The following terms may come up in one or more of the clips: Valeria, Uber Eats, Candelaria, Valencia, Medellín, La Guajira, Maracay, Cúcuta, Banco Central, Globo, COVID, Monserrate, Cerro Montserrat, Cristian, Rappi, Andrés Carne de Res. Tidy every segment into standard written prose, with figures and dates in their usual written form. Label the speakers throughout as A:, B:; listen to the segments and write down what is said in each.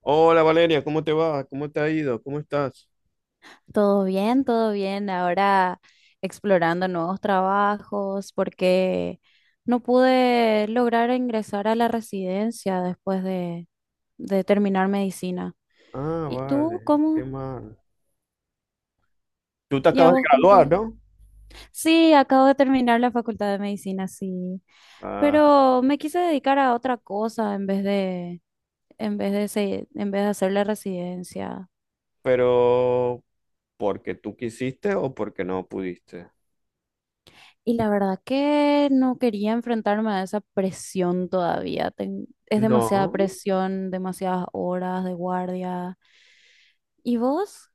A: Hola Valeria, ¿cómo te va? ¿Cómo te ha ido? ¿Cómo estás?
B: Todo bien, todo bien. Ahora explorando nuevos trabajos porque no pude lograr ingresar a la residencia después de terminar medicina.
A: Ah,
B: ¿Y tú
A: vale, qué
B: cómo?
A: mal. Tú te
B: ¿Y a
A: acabas de
B: vos cómo te
A: graduar,
B: va?
A: ¿no?
B: Sí, acabo de terminar la facultad de medicina, sí.
A: Ah,
B: Pero me quise dedicar a otra cosa en vez de, se- en vez de hacer la residencia.
A: pero ¿porque tú quisiste o porque no pudiste?
B: Y la verdad que no quería enfrentarme a esa presión todavía. Es demasiada
A: No.
B: presión, demasiadas horas de guardia. ¿Y vos?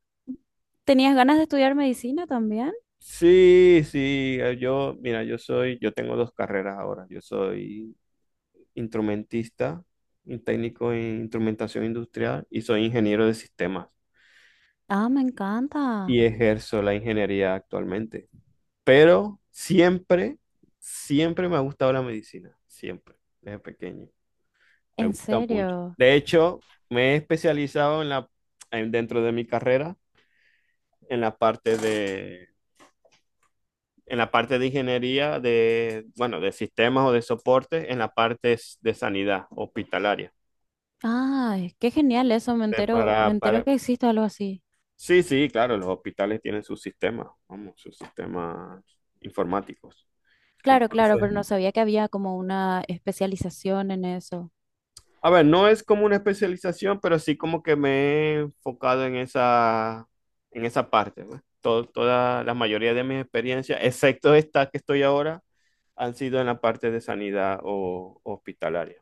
B: ¿Tenías ganas de estudiar medicina también?
A: Sí, sí, yo, mira, yo tengo dos carreras ahora. Yo soy instrumentista, un técnico en instrumentación industrial y soy ingeniero de sistemas
B: Ah, me encanta.
A: y ejerzo la ingeniería actualmente. Pero siempre, siempre me ha gustado la medicina, siempre, desde pequeño. Me
B: En
A: gusta mucho.
B: serio.
A: De hecho, me he especializado dentro de mi carrera en la parte de, ingeniería de, bueno, de sistemas o de soporte, en la parte de sanidad hospitalaria.
B: Ay, qué genial eso. Me
A: Eh,
B: entero,
A: Para,
B: me entero
A: para...
B: que existe algo así.
A: Sí, sí, claro, los hospitales tienen sus sistemas, vamos, sus sistemas informáticos.
B: Claro, claro,
A: Entonces,
B: pero no sabía que había como una especialización en eso.
A: a ver, no es como una especialización, pero sí como que me he enfocado en esa, parte, ¿no? Toda la mayoría de mis experiencias, excepto esta que estoy ahora, han sido en la parte de sanidad o hospitalaria.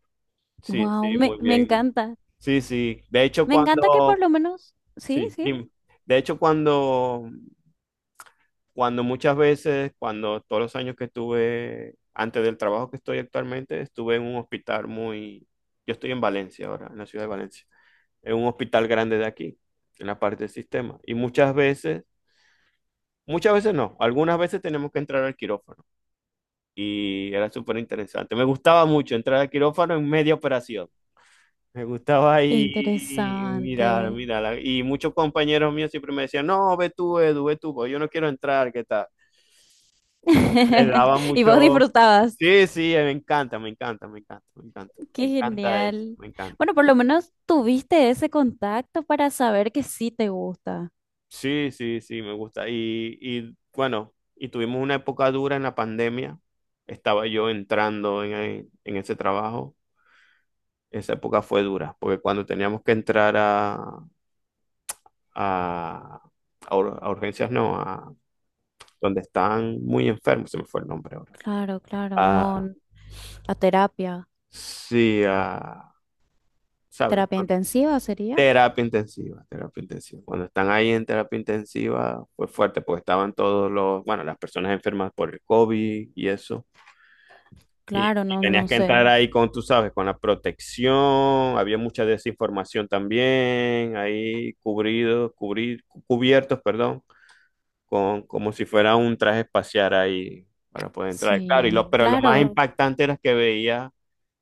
A: Sí,
B: Wow,
A: sí,
B: me,
A: muy
B: me
A: bien.
B: encanta.
A: Sí, sí. De hecho,
B: Me encanta que por lo menos. Sí,
A: sí,
B: sí.
A: dime. De hecho, cuando todos los años que estuve antes del trabajo que estoy actualmente, estuve en un hospital yo estoy en Valencia ahora, en la ciudad de Valencia en un hospital grande de aquí, en la parte del sistema. Y muchas veces no, algunas veces tenemos que entrar al quirófano. Y era súper interesante. Me gustaba mucho entrar al quirófano en media operación. Me gustaba
B: Qué
A: ahí mirar,
B: interesante.
A: mirar. Y muchos compañeros míos siempre me decían, no, ve tú, Edu, ve tú, porque yo no quiero entrar, ¿qué tal? Y le daba
B: Y vos
A: mucho...
B: disfrutabas.
A: Sí, sí, me encanta, me encanta, me encanta, me encanta. Me
B: Qué
A: encanta eso,
B: genial.
A: me encanta.
B: Bueno, por lo menos tuviste ese contacto para saber que sí te gusta.
A: Sí, sí, sí, me gusta. Y bueno, y tuvimos una época dura en la pandemia. Estaba yo entrando en ese trabajo. Esa época fue dura, porque cuando teníamos que entrar a, a urgencias, no, a donde están muy enfermos, se me fue el nombre ahora.
B: Claro, claro, no
A: A,
B: n- a terapia.
A: sí, ¿sabes?
B: ¿Terapia intensiva sería?
A: Terapia intensiva, terapia intensiva. Cuando están ahí en terapia intensiva fue fuerte, porque estaban todos los, bueno, las personas enfermas por el COVID y eso.
B: Claro,
A: Y
B: no,
A: tenías
B: no
A: que entrar
B: sé.
A: ahí con, tú sabes, con la protección, había mucha desinformación también, ahí cubiertos, perdón, con, como si fuera un traje espacial ahí para poder entrar. Claro, y lo,
B: Sí,
A: pero lo más, wow,
B: claro,
A: impactante era que veía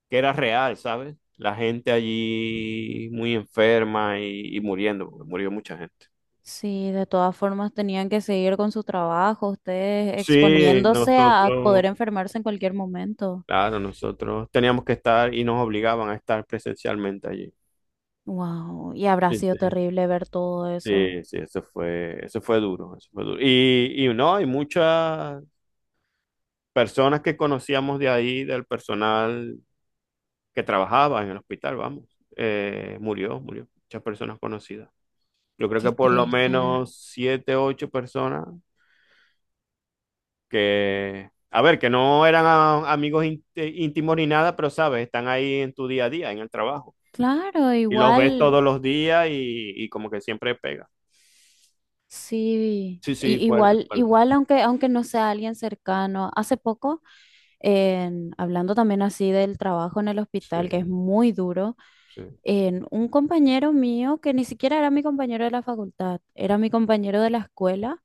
A: que era real, ¿sabes? La gente allí muy enferma y muriendo, porque murió mucha gente.
B: sí, de todas formas tenían que seguir con su trabajo, ustedes
A: Sí,
B: exponiéndose
A: nosotros,
B: a poder enfermarse en cualquier momento.
A: claro, nosotros teníamos que estar y nos obligaban a estar presencialmente allí.
B: Wow, y habrá
A: Sí,
B: sido
A: sí.
B: terrible ver todo eso.
A: Sí, sí, eso fue duro, eso fue duro. Y no, hay muchas personas que conocíamos de ahí, del personal que trabajaba en el hospital, vamos, murió, murió, muchas personas conocidas. Yo creo
B: Qué
A: que por lo
B: triste.
A: menos siete, ocho personas que, a ver, que no eran íntimos ni nada, pero sabes, están ahí en tu día a día, en el trabajo.
B: Claro,
A: Y los ves
B: igual.
A: todos los días y como que siempre pega.
B: Sí,
A: Sí, sí, fuerte,
B: igual,
A: fuerte.
B: igual aunque, aunque no sea alguien cercano. Hace poco, hablando también así del trabajo en el hospital, que es
A: Sí,
B: muy duro,
A: sí.
B: en un compañero mío, que ni siquiera era mi compañero de la facultad, era mi compañero de la escuela,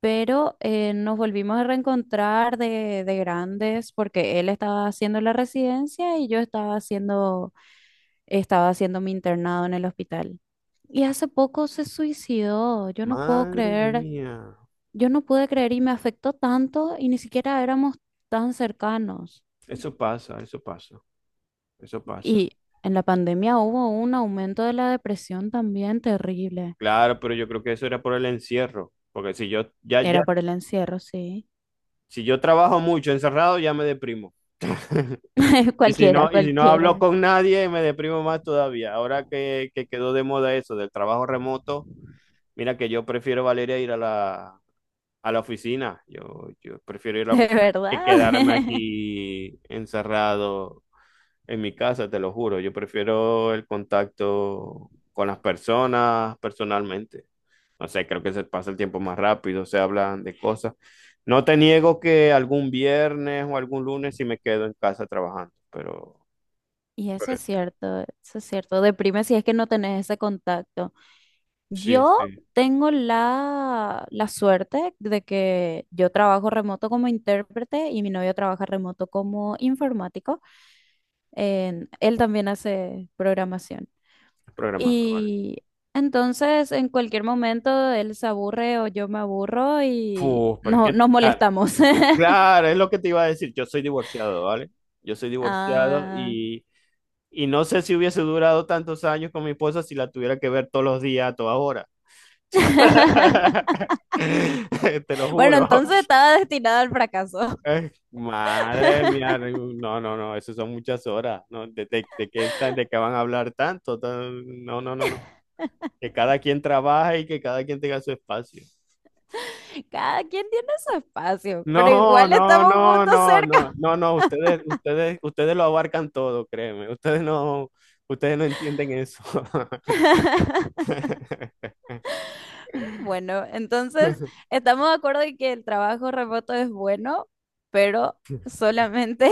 B: pero nos volvimos a reencontrar de grandes porque él estaba haciendo la residencia y yo estaba haciendo mi internado en el hospital. Y hace poco se suicidó, yo no puedo
A: Madre
B: creer,
A: mía,
B: yo no pude creer y me afectó tanto y ni siquiera éramos tan cercanos.
A: eso pasa, eso pasa, eso pasa.
B: Y en la pandemia hubo un aumento de la depresión también terrible.
A: Claro, pero yo creo que eso era por el encierro, porque si yo ya
B: Era por el encierro, sí.
A: si yo trabajo mucho encerrado ya me deprimo. Y si
B: Cualquiera,
A: no y si no hablo
B: cualquiera.
A: con nadie me deprimo más todavía. Ahora que quedó de moda eso del trabajo remoto, mira que yo prefiero, Valeria, ir a la oficina. Yo prefiero ir a la
B: De
A: oficina que
B: verdad.
A: quedarme aquí encerrado en mi casa, te lo juro, yo prefiero el contacto con las personas personalmente. No sé, creo que se pasa el tiempo más rápido, se hablan de cosas. No te niego que algún viernes o algún lunes sí me quedo en casa trabajando, pero,
B: Y eso
A: pero
B: es cierto, eso es cierto. Deprime si es que no tenés ese contacto.
A: sí,
B: Yo
A: sí,
B: tengo la suerte de que yo trabajo remoto como intérprete y mi novio trabaja remoto como informático. Él también hace programación.
A: es programador, ¿vale?
B: Y entonces en cualquier momento él se aburre o yo me aburro y
A: Uf, pero es
B: no,
A: que,
B: nos
A: ah,
B: molestamos.
A: claro, es lo que te iba a decir, yo soy divorciado, ¿vale? Yo soy divorciado
B: Ah.
A: y no sé si hubiese durado tantos años con mi esposa si la tuviera que ver todos los días, a toda hora. Te lo
B: Bueno,
A: juro.
B: entonces estaba destinado al fracaso.
A: Madre mía, no, no, no, eso son muchas horas. No, ¿de qué van a hablar tanto? No, no, no, no. Que cada quien trabaje y que cada quien tenga su espacio.
B: Cada quien tiene su espacio,
A: No,
B: pero igual
A: no,
B: estamos
A: no,
B: juntos
A: no,
B: cerca.
A: no, no, no, ustedes, ustedes, ustedes lo abarcan todo, créeme. Ustedes no entienden eso.
B: Bueno, entonces estamos de acuerdo en que el trabajo remoto es bueno, pero solamente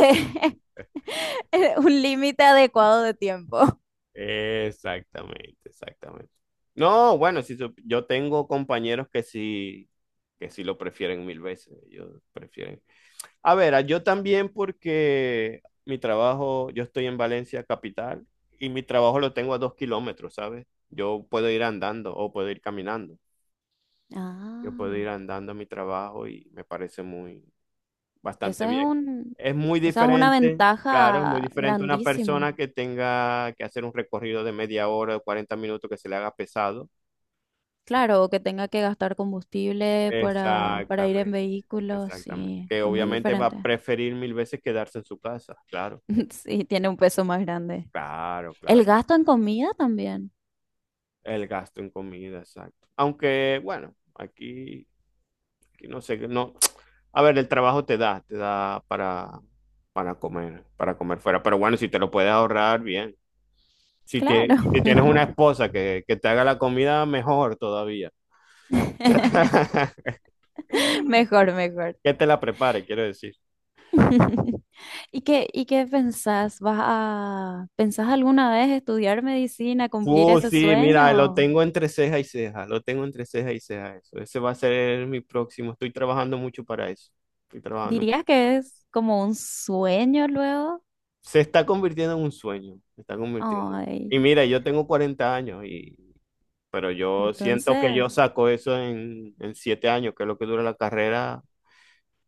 B: un límite adecuado de tiempo.
A: Exactamente, exactamente. No, bueno, si yo tengo compañeros que sí, lo prefieren mil veces. Ellos prefieren. A ver, yo también porque mi trabajo, yo estoy en Valencia capital y mi trabajo lo tengo a 2 km, ¿sabes? Yo puedo ir andando o puedo ir caminando. Yo puedo ir
B: Ah,
A: andando a mi trabajo y me parece muy, bastante
B: esa es
A: bien.
B: un,
A: Es muy
B: esa es una
A: diferente, claro, es muy
B: ventaja
A: diferente una
B: grandísima.
A: persona que tenga que hacer un recorrido de media hora o 40 minutos que se le haga pesado.
B: Claro, o que tenga que gastar combustible para ir en
A: Exactamente,
B: vehículos,
A: exactamente.
B: sí,
A: Que
B: es muy
A: obviamente va a
B: diferente.
A: preferir mil veces quedarse en su casa, claro,
B: Sí, tiene un peso más grande.
A: claro,
B: El
A: claro.
B: gasto en comida también,
A: El gasto en comida, exacto. Aunque, bueno, aquí, aquí no sé, no. A ver, el trabajo te da para comer fuera. Pero bueno, si te lo puedes ahorrar, bien. Si, tie-
B: claro.
A: si tienes una esposa que te haga la comida, mejor todavía.
B: Mejor, mejor.
A: Que te la prepare, quiero decir.
B: ¿Y qué pensás? ¿Pensás alguna vez estudiar medicina,
A: Sí,
B: cumplir ese
A: Sí, mira, lo exacto.
B: sueño?
A: Tengo entre ceja y ceja, lo tengo entre ceja y ceja, eso. Ese va a ser mi próximo. Estoy trabajando mucho para eso. Estoy trabajando.
B: ¿Dirías que es como un sueño luego?
A: Se está convirtiendo en un sueño, se está convirtiendo.
B: Ay,
A: Y mira, yo tengo 40 años y pero yo siento que
B: entonces,
A: yo saco eso en 7 años, que es lo que dura la carrera,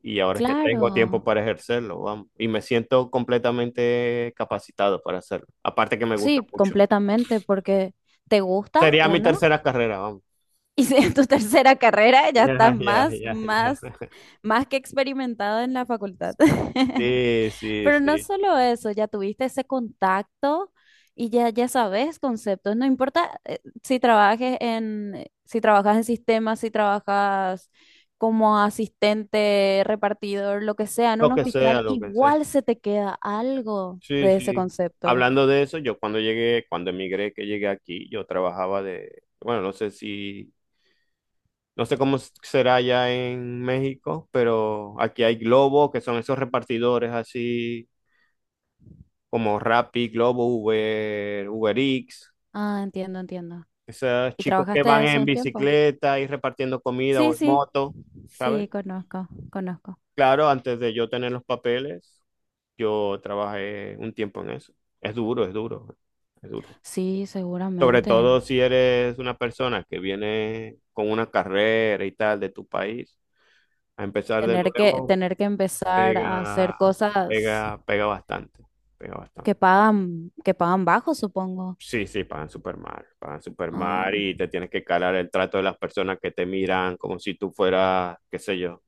A: y ahora es que tengo tiempo
B: claro.
A: para ejercerlo, vamos, y me siento completamente capacitado para hacerlo, aparte que me gusta
B: Sí,
A: mucho.
B: completamente, porque te gusta
A: Sería mi
B: uno
A: tercera carrera, vamos.
B: y si en tu tercera carrera ya
A: Ya,
B: estás
A: ya, ya, ya.
B: más que experimentado en la facultad.
A: Sí, sí,
B: Pero no
A: sí.
B: solo eso, ya tuviste ese contacto y ya sabes conceptos. No importa si trabajas en sistemas, si trabajas como asistente, repartidor, lo que sea, en
A: Lo
B: un
A: que sea,
B: hospital,
A: lo que sea.
B: igual se te queda algo
A: Sí,
B: de ese
A: sí.
B: concepto.
A: Hablando de eso, yo cuando llegué, cuando emigré, que llegué aquí, yo trabajaba de, bueno, no sé cómo será allá en México, pero aquí hay Globo, que son esos repartidores así como Rappi, Globo, Uber, Uber Eats,
B: Ah, entiendo, entiendo.
A: esos
B: ¿Y
A: chicos que
B: trabajaste de
A: van
B: eso
A: en
B: un tiempo?
A: bicicleta y repartiendo comida
B: Sí,
A: o en
B: sí,
A: moto, ¿sabes?
B: sí, conozco, conozco.
A: Claro, antes de yo tener los papeles, yo trabajé un tiempo en eso. Es duro, es duro, es duro.
B: Sí,
A: Sobre
B: seguramente.
A: todo si eres una persona que viene con una carrera y tal de tu país, a empezar de
B: Tener que,
A: nuevo
B: tener que empezar a hacer
A: pega,
B: cosas
A: pega, pega bastante, pega bastante.
B: que pagan bajo, supongo.
A: Sí, sí, pagan súper
B: Ah,
A: mal y te tienes que calar el trato de las personas que te miran como si tú fueras, qué sé yo,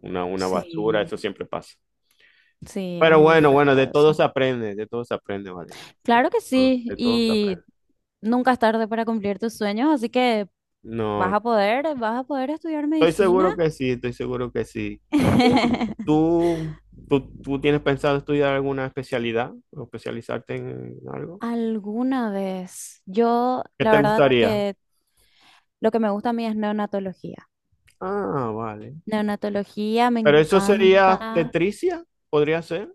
A: una basura,
B: sí,
A: eso siempre pasa.
B: sí, es
A: Pero
B: muy
A: bueno,
B: feo
A: bueno, de
B: todo
A: todo
B: eso.
A: se aprende, de todo se aprende, vale. De
B: Claro que
A: todo
B: sí,
A: de todo se aprende.
B: y nunca es tarde para cumplir tus sueños, así que
A: No,
B: vas a poder estudiar
A: estoy
B: medicina.
A: seguro que sí, estoy seguro que sí. ¿Tú, tú, tú tienes pensado estudiar alguna especialidad o especializarte en algo?
B: Alguna vez, yo
A: ¿Qué
B: la
A: te
B: verdad
A: gustaría?
B: que lo que me gusta a mí es neonatología.
A: Ah, vale.
B: Neonatología me
A: ¿Pero eso sería
B: encanta.
A: tetricia? ¿Podría ser?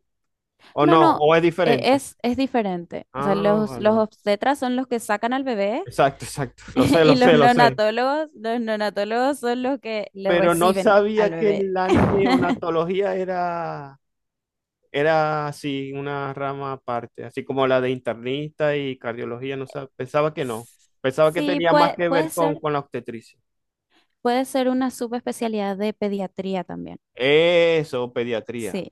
A: ¿O
B: No,
A: no?
B: no,
A: ¿O es diferente?
B: es diferente. O sea,
A: Ah, vale,
B: los
A: vale.
B: obstetras son los que sacan al bebé
A: Exacto, exacto. Lo sé,
B: y
A: lo sé, lo sé.
B: los neonatólogos son los que le
A: Pero no
B: reciben al
A: sabía que
B: bebé.
A: la neonatología era... Era así, una rama aparte, así como la de internista y cardiología, no pensaba que no. Pensaba que
B: Sí,
A: tenía más
B: puede,
A: que ver con la obstetricia.
B: puede ser una subespecialidad de pediatría también.
A: Eso, pediatría.
B: Sí,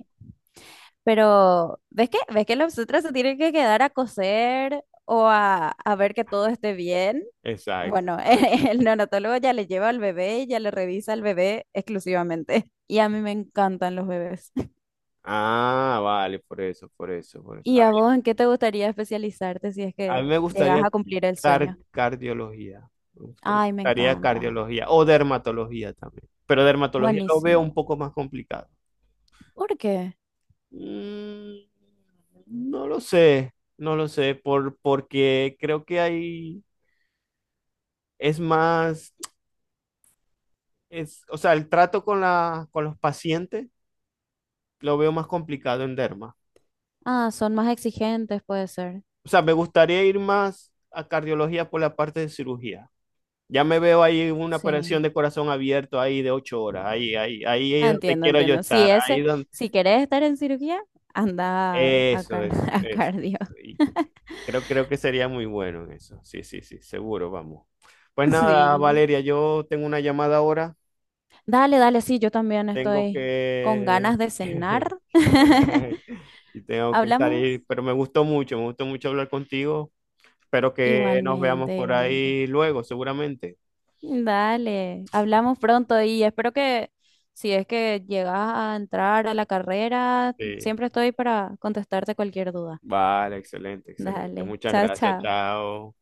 B: pero ves que los obstetras se tienen que quedar a coser o a ver que todo esté bien?
A: Exacto,
B: Bueno,
A: exacto.
B: el neonatólogo ya le lleva al bebé y ya le revisa al bebé exclusivamente. Y a mí me encantan los bebés.
A: Ah, vale, por eso, por eso, por eso.
B: ¿Y a vos en qué te gustaría especializarte si es
A: A
B: que
A: mí me
B: llegas
A: gustaría
B: a cumplir el sueño?
A: cardiología. Me gusta- me
B: Ay, me
A: gustaría
B: encanta.
A: cardiología o dermatología también. Pero dermatología lo veo
B: Buenísimo.
A: un poco más complicado.
B: ¿Por qué?
A: Mm, no lo sé, no lo sé, por, porque creo que hay es más, es, o sea, el trato con la, con los pacientes lo veo más complicado en derma.
B: Ah, son más exigentes, puede ser.
A: O sea, me gustaría ir más a cardiología por la parte de cirugía. Ya me veo ahí en una
B: Sí.
A: operación de corazón abierto ahí de 8 horas, ahí, ahí, ahí
B: Ah,
A: es donde
B: entiendo,
A: quiero yo
B: entiendo. Si
A: estar, ahí
B: ese,
A: donde...
B: si querés estar en cirugía, anda a,
A: Eso, eso,
B: a
A: eso, eso.
B: cardio.
A: Y creo, creo que sería muy bueno en eso. Sí, sí, sí, seguro, vamos. Pues nada,
B: Sí.
A: Valeria, yo tengo una llamada ahora.
B: Dale, dale, sí, yo también
A: Tengo
B: estoy con
A: que
B: ganas de cenar.
A: Y tengo que
B: ¿Hablamos?
A: salir, pero me gustó mucho hablar contigo. Espero que nos veamos
B: Igualmente,
A: por
B: igualmente.
A: ahí luego, seguramente.
B: Dale, hablamos pronto y espero que si es que llegas a entrar a la carrera,
A: Sí.
B: siempre estoy para contestarte cualquier duda.
A: Vale, excelente, excelente.
B: Dale,
A: Muchas
B: chao,
A: gracias,
B: chao.
A: chao.